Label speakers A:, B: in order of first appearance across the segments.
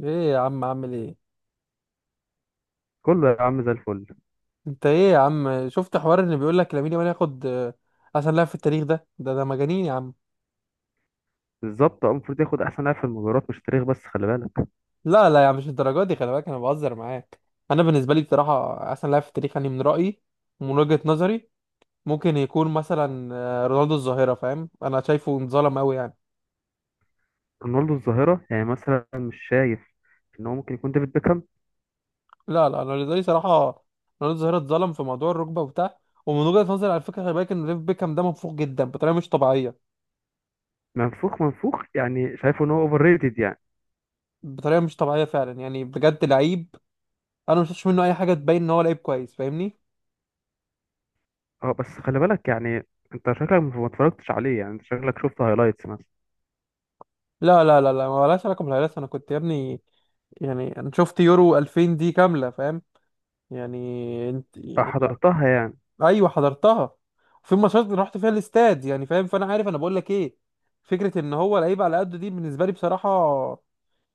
A: ايه يا عم عامل ايه؟
B: كله يا عم زي الفل.
A: انت ايه يا عم شفت حوار ان بيقول لك لامين يامال ياخد احسن لاعب في التاريخ؟ ده مجانين يا عم.
B: بالظبط اه المفروض ياخد احسن لاعب في المجرات مش تاريخ بس خلي بالك.
A: لا يا عم، مش الدرجات دي، خلي بالك انا بهزر معاك. انا بالنسبه لي بصراحه احسن لاعب في التاريخ يعني من رايي ومن وجهه نظري ممكن يكون مثلا رونالدو الظاهره، فاهم؟ انا شايفه انظلم قوي يعني.
B: رونالدو الظاهره يعني مثلا مش شايف ان هو ممكن يكون ديفيد بيكهام؟
A: لا انا بالنسبه لي صراحه رونالدو الظاهره اتظلم في موضوع الركبه وبتاع. ومن وجهه نظري على فكره خلي بالك ان ديفيد بيكهام ده منفوق جدا بطريقه مش طبيعيه،
B: منفوخ منفوخ يعني شايفه ان هو اوفر ريتد يعني.
A: بطريقه مش طبيعيه فعلا يعني، بجد لعيب. انا ما شفتش منه اي حاجه تبين ان هو لعيب كويس، فاهمني؟
B: اه بس خلي بالك يعني انت شكلك ما اتفرجتش عليه، يعني انت شكلك شفت هايلايتس مثلا.
A: لا ما لهاش علاقه بالهلاس، انا كنت يا ابني، يعني انا شفت يورو 2000 دي كامله، فاهم يعني؟ انت
B: اه
A: يعني.
B: حضرتها يعني.
A: ايوه حضرتها. في ماتشات رحت فيها الاستاد يعني، فاهم؟ فانا عارف انا بقول لك ايه. فكره ان هو لعيب على قده دي بالنسبه لي بصراحه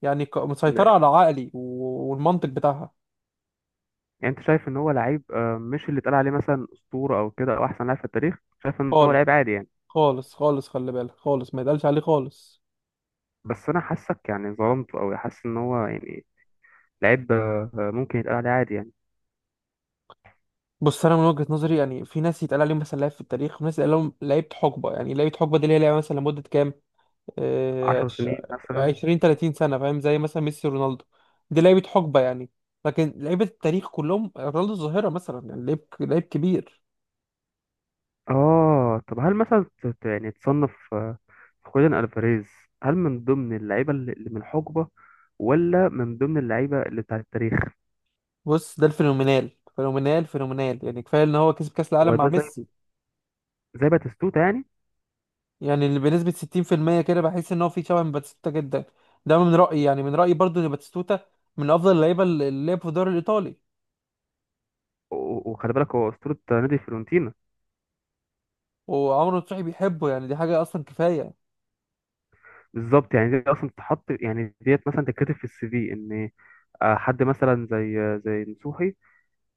A: يعني مسيطره على عقلي والمنطق بتاعها.
B: يعني انت شايف ان هو لعيب، مش اللي اتقال عليه مثلا اسطوره او كده او احسن لاعب في التاريخ؟ شايف ان هو
A: خالص.
B: لعيب عادي يعني.
A: خالص خلي بالك، خالص ما يتقالش عليه خالص.
B: بس انا حاسك يعني ظلمته او حاسس ان هو يعني لعيب، ممكن يتقال عليه عادي يعني.
A: بص انا من وجهة نظري يعني في ناس يتقال عليهم مثلا لعيب في التاريخ وناس يتقال لهم لعيبة حقبة. يعني لعيبة حقبة دي اللي هي لعيبة مثلا لمدة كام آه،
B: 10
A: عش-
B: سنين مثلا.
A: عشرين تلاتين سنة، فاهم؟ زي مثلا ميسي رونالدو، دي لعيبة حقبة يعني. لكن لعيبة التاريخ كلهم، رونالدو الظاهرة مثلا، يعني لعيب، لعيب كبير.
B: اه طب هل مثلا يعني تصنف خوليان الفاريز، هل من ضمن اللعيبه اللي اللي من الحقبه، ولا من ضمن اللعيبه اللي بتاع التاريخ؟
A: بص ده الفينومينال، فينومينال، يعني كفاية ان هو كسب كأس
B: هو
A: العالم مع
B: ده زي
A: ميسي.
B: زي باتيستوتا يعني.
A: يعني اللي بنسبة 60% كده بحس ان هو في شبه من باتيستوتا جدا. ده من رأيي، يعني من رأيي برضو ان باتيستوتا من افضل اللعيبة اللي لعب في الدوري الايطالي.
B: وخلي بالك هو اسطوره نادي فيورنتينا.
A: وعمرو نصوحي بيحبه، يعني دي حاجة أصلا كفاية.
B: بالظبط، يعني دي اصلا تتحط يعني ديت مثلا تتكتب في السي في ان. حد مثلا زي زي نصوحي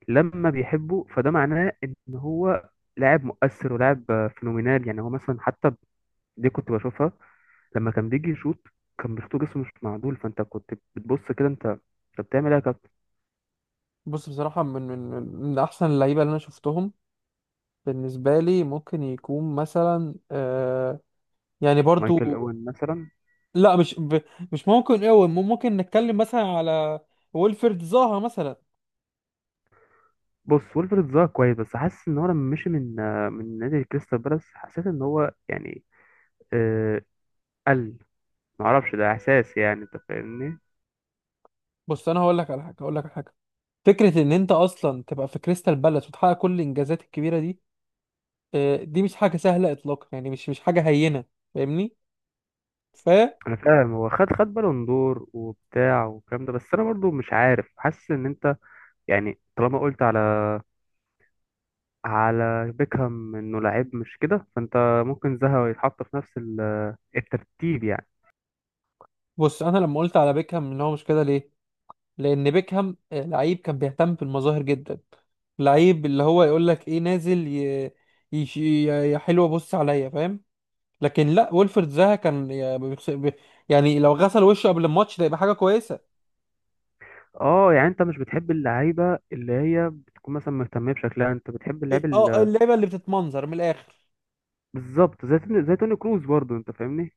B: لما بيحبه فده معناه ان هو لاعب مؤثر ولاعب فينومينال. يعني هو مثلا حتى دي كنت بشوفها لما كان بيجي يشوط، كان بيشوط جسمه مش معدول، فانت كنت بتبص كده. انت بتعمل ايه يا كابتن؟
A: بص بصراحة من من أحسن اللعيبة اللي أنا شفتهم بالنسبة لي ممكن يكون مثلا آه، يعني برضو.
B: مايكل اوين مثلا.
A: لا مش ممكن أوي، ممكن نتكلم مثلا على ويلفرد زاها مثلا.
B: بص ويلفرد ظهر كويس بس حاسس ان هو لما مشي من من نادي كريستال بالاس حسيت ان هو يعني آه قل، معرفش ده احساس يعني، انت فاهمني.
A: بص أنا هقول لك على حاجة، هقول لك على حاجة. فكرة إن أنت أصلا تبقى في كريستال بالاس وتحقق كل الإنجازات الكبيرة دي، آه دي مش حاجة سهلة إطلاقا، يعني مش حاجة هينة، فاهمني؟ فبص.
B: انا فاهم، هو خد بالون دور وبتاع والكلام ده، بس انا برضو مش عارف حاسس ان انت يعني طالما قلت على بيكهام انه لعيب مش كده، فانت ممكن زها يتحط في نفس الترتيب يعني.
A: أنا لما قلت على بيكهام إن هو مش كده ليه؟ لان بيكهام لعيب كان بيهتم بالمظاهر جدا، لعيب اللي هو يقول لك ايه، نازل يا حلوه بص عليا، فاهم؟ لكن لا، ويلفرد زها كان يعني لو غسل وشه قبل الماتش ده يبقى حاجه كويسه.
B: اه يعني انت مش بتحب اللعيبه اللي هي بتكون مثلا مهتمه بشكلها، انت بتحب اللعيب
A: اه اللعيبه اللي بتتمنظر من الاخر.
B: بالظبط، زي توني كروز برضو، انت فاهمني.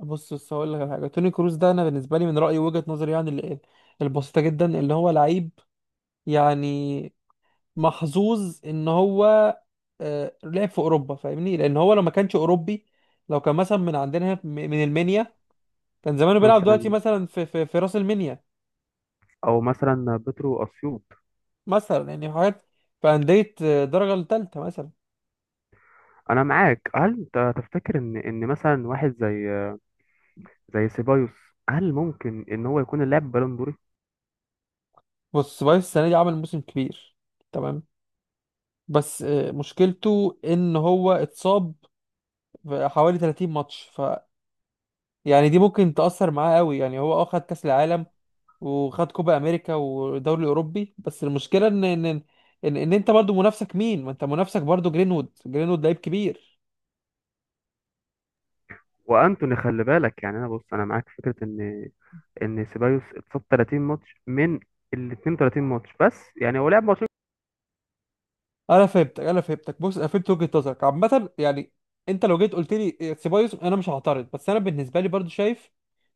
A: بص بص هقول لك على حاجه، توني كروس ده انا بالنسبه لي من رايي وجهه نظري يعني البسيطه جدا، اللي هو لعيب يعني محظوظ ان هو لعب في اوروبا، فاهمني؟ لان هو لو ما كانش اوروبي، لو كان مثلا من عندنا هنا من المنيا، كان زمانه بيلعب دلوقتي
B: مثلا
A: مثلا في في راس المنيا
B: او مثلا بيترو اسيوط.
A: مثلا، يعني حاجات في انديه درجه الثالثه مثلا.
B: انا معاك. هل انت تفتكر ان ان مثلا واحد زي سيبايوس هل ممكن ان هو يكون اللاعب بالون دوري؟
A: بص سبايس السنه دي عمل موسم كبير، تمام؟ بس مشكلته ان هو اتصاب في حوالي 30 ماتش، ف يعني دي ممكن تأثر معاه قوي. يعني هو اه خد كأس العالم وخد كوبا امريكا ودوري الاوروبي، بس المشكله ان ان ان, إن إن انت برضو منافسك مين؟ ما انت منافسك برضو جرينوود، جرينوود لعيب كبير.
B: وانتوني خلي بالك يعني. انا بص انا معاك في فكره ان سيبايوس اتصاب 30 ماتش من ال 32 ماتش، بس يعني هو لعب ماتش.
A: انا فهمتك بص، انا فهمت وجهه نظرك عامه يعني. انت لو جيت قلت لي سيبايوس انا مش هعترض، بس انا بالنسبه لي برضو شايف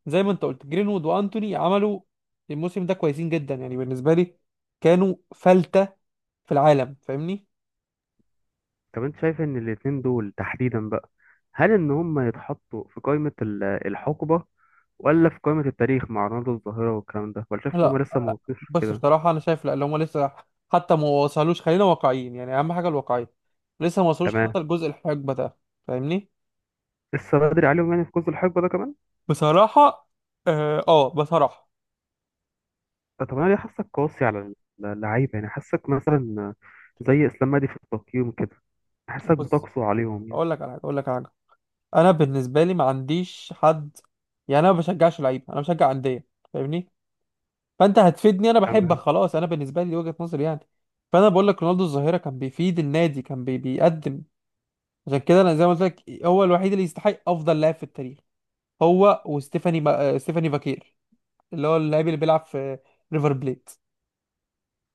A: زي ما انت قلت جرينوود وانتوني عملوا الموسم ده كويسين جدا. يعني بالنسبه لي كانوا فلتة في العالم، فاهمني؟
B: طب انت شايف ان الاتنين دول تحديدا بقى، هل ان هم يتحطوا في قائمة الحقبة، ولا في قائمة التاريخ مع رونالدو الظاهرة والكلام ده، ولا شايف ان هم
A: لا
B: لسه ما وصلوش
A: بس
B: كده؟
A: بصراحة أنا شايف لا اللي هم لسه حتى ما وصلوش، خلينا واقعيين يعني، أهم حاجة الواقعية. لسه ما وصلوش
B: تمام.
A: حتى الجزء الحقبة ده، فاهمني؟
B: لسه بدري عليهم يعني في قوس الحقبة ده كمان.
A: بصراحة آه, بصراحة.
B: طب انا ليه حاسك قاسي على اللعيبة؟ يعني حاسك مثلا زي اسلام مهدي في التقييم كده، حاسك
A: بص،
B: بتقسو عليهم يعني.
A: أقول لك على حاجة. أنا بالنسبة لي ما عنديش حد، يعني أنا ما بشجعش لعيب، أنا بشجع أندية، فاهمني؟ فأنت هتفيدني؟ أنا بحبك،
B: تمام.
A: خلاص، أنا بالنسبة لي دي وجهة نظري يعني. فأنا بقول لك رونالدو الظاهرة كان بيفيد النادي، كان بيقدم، عشان كده أنا زي ما قلت لك هو الوحيد اللي يستحق أفضل لاعب في التاريخ. هو ستيفاني فاكير اللي هو اللاعب اللي بيلعب في ريفر بليت.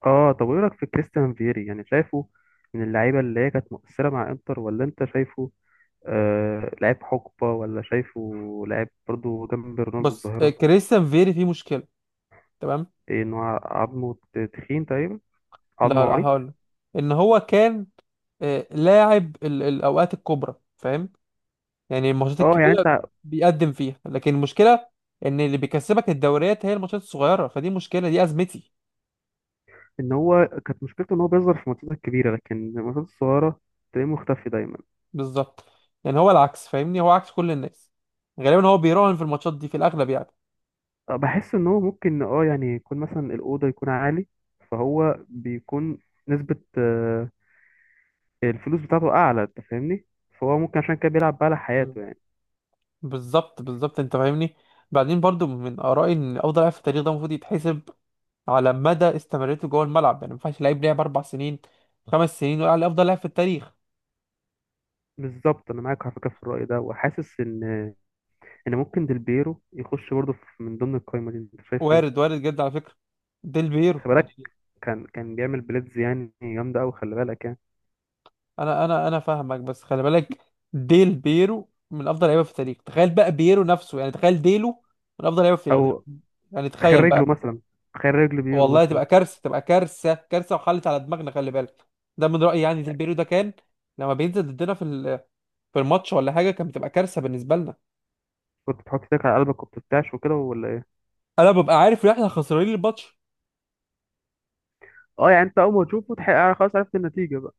B: اه طب وايه رايك في كريستيان فيري؟ يعني شايفه من اللعيبة اللي هي كانت مؤثرة مع انتر، ولا انت شايفه لعيب حقبة، ولا شايفه لعيب برضو جنب رونالدو
A: بص
B: الظاهرة؟
A: كريستيان فيري فيه مشكله، تمام؟
B: إيه، إن هو عظمه تخين تقريبا،
A: لا
B: عظمه
A: لا
B: عريض.
A: هقول لك، ان هو كان لاعب الاوقات الكبرى، فاهم؟ يعني الماتشات
B: اه يعني
A: الكبيره
B: انت.
A: بيقدم فيها، لكن المشكله ان اللي بيكسبك الدوريات هي الماتشات الصغيره، فدي مشكله، دي ازمتي.
B: ان هو كانت مشكلته ان هو بيظهر في الماتشات الكبيرة لكن الماتشات الصغيرة تلاقيه مختفي دايما.
A: بالظبط، يعني هو العكس، فاهمني؟ هو عكس كل الناس، غالبا هو بيراهن في الماتشات دي في الاغلب.
B: بحس ان هو ممكن اه يعني يكون مثلا الأوضة يكون عالي، فهو بيكون نسبة الفلوس بتاعته أعلى، أنت فاهمني، فهو ممكن عشان كده بيلعب بقى على حياته
A: يعني
B: يعني.
A: بالظبط انت فاهمني. بعدين برضو من ارائي ان افضل لاعب في التاريخ ده المفروض يتحسب على مدى استمرارته جوه الملعب، يعني ما ينفعش لعيب لعب اربع سنين خمس سنين ويقع على افضل لاعب في التاريخ.
B: بالظبط أنا معاك على فكرة في الرأي ده، وحاسس إن يعني ممكن ديلبيرو يخش برضه من ضمن القايمة دي، انت شايف ايه؟
A: وارد، وارد جدا على فكره ديل بيرو
B: خلي بالك
A: يعني.
B: كان بيعمل بليدز يعني جامدة أوي، خلي بالك يعني.
A: انا فاهمك، بس خلي بالك ديل بيرو من افضل لعيبه في التاريخ. تخيل بقى بيرو نفسه يعني، تخيل ديلو من افضل لعيبه في التاريخ،
B: أو
A: يعني
B: تخيل
A: تخيل
B: رجله
A: بقى.
B: مثلا، تخيل رجل بيرو
A: والله
B: مثلا.
A: تبقى كارثه، تبقى كارثه وحلت على دماغنا، خلي بالك. ده من رايي يعني، ديل بيرو ده كان لما بينزل ضدنا في الماتش ولا حاجه كانت بتبقى كارثه بالنسبه لنا.
B: كنت بتحط ايدك على قلبك وبترتعش وكده ولا ايه؟
A: انا ببقى عارف ان احنا خسرانين الماتش.
B: اه يعني انت اول ما تشوفه تحقق خلاص عرفت النتيجة بقى.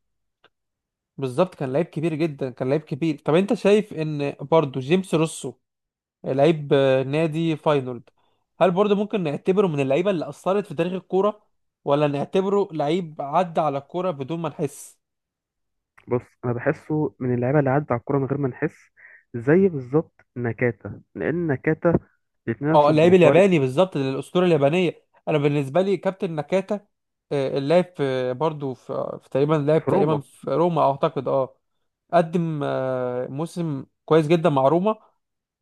A: بالظبط، كان لعيب كبير جدا، كان لعيب كبير. طب انت شايف ان برضو جيمس روسو لعيب نادي فاينولد، هل برضو ممكن نعتبره من اللعيبه اللي اثرت في تاريخ الكوره، ولا نعتبره لعيب عدى على الكوره بدون ما نحس؟
B: بص انا بحسه من اللعيبة اللي عدى على الكورة من غير ما نحس، زي بالظبط نكاتا، لان نكاتا الاتنين
A: اه
B: نفس
A: اللاعب
B: البروفايل.
A: الياباني بالظبط، الاسطوره اليابانيه. انا بالنسبه لي كابتن ناكاتا اللاعب في برضه في, في تقريبا لاعب
B: في
A: تقريبا
B: روما.
A: في روما اعتقد، اه، قدم موسم كويس جدا مع روما.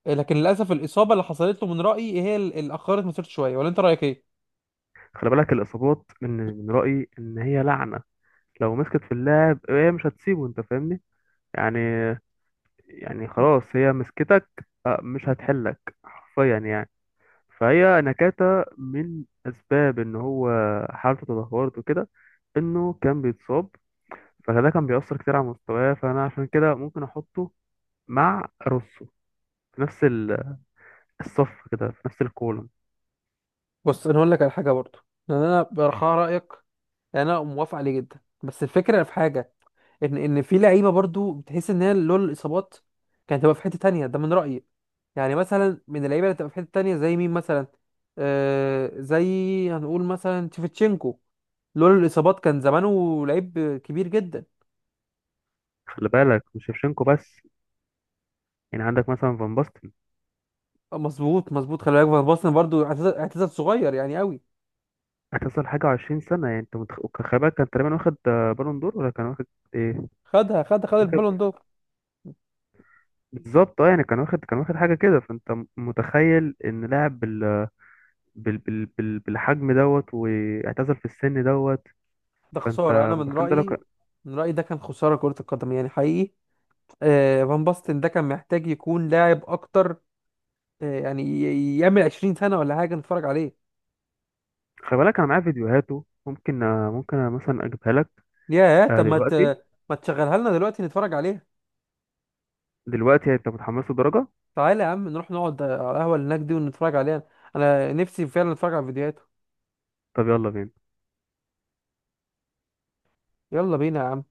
A: لكن للاسف الاصابه اللي حصلت له من رايي هي اللي اخرت مسيرته شويه، ولا انت رايك ايه؟
B: خلي بالك الإصابات، من رأيي إن هي لعنة، لو مسكت في اللاعب هي مش هتسيبه، أنت فاهمني. يعني يعني خلاص هي مسكتك، مش هتحلك حرفيا يعني. فهي نكاتة من أسباب إن هو حالته تدهورت وكده، إنه كان بيتصاب، فده كان بيأثر كتير على مستواه، فأنا عشان كده ممكن أحطه مع روسو في نفس الصف كده، في نفس الكولوم.
A: بص انا هقول لك على حاجه برضه، يعني انا برخاء رايك، يعني انا موافق عليه جدا، بس الفكره في حاجه، ان في لعيبه برضو بتحس ان هي لولا الاصابات كانت هتبقى في حته تانية، ده من رايي. يعني مثلا من اللعيبه اللي هتبقى في حته تانية زي مين مثلا؟ آه زي هنقول مثلا تشيفتشينكو، لولا الاصابات كان زمانه لعيب كبير جدا.
B: خلي بالك مش شيفشينكو بس، يعني عندك مثلا فان باستن.
A: مظبوط خلي بالك فان باستن برضو اعتزل، اعتزل صغير يعني قوي.
B: هتصل حاجة وعشرين سنة يعني، أنت متخ... خلي بالك كان تقريبا واخد بالون دور ولا كان واخد إيه؟
A: خدها خد خد
B: واخد.
A: البالون دور.
B: بالظبط اه يعني كان واخد، كان واخد حاجه كده، فانت متخيل ان لاعب بالحجم دوت واعتزل في السن دوت؟
A: ده خساره، انا
B: فانت
A: من
B: متخيل ده لو كان.
A: رايي، من رايي ده كان خساره كره القدم يعني، حقيقي. آه فان باستن ده كان محتاج يكون لاعب اكتر، يعمل 20 سنة ولا حاجة نتفرج عليه.
B: خلي بالك انا معايا فيديوهاته، ممكن أنا مثلا اجيبها لك.
A: ياه طب
B: دلوقتي؟
A: ما تشغلها لنا دلوقتي نتفرج عليها.
B: دلوقتي يعني انت متحمس درجه.
A: تعالى يا عم نروح نقعد على القهوة اللي هناك دي ونتفرج عليها، انا نفسي فعلا اتفرج على فيديوهاته.
B: طب يلا بينا.
A: يلا بينا يا عم.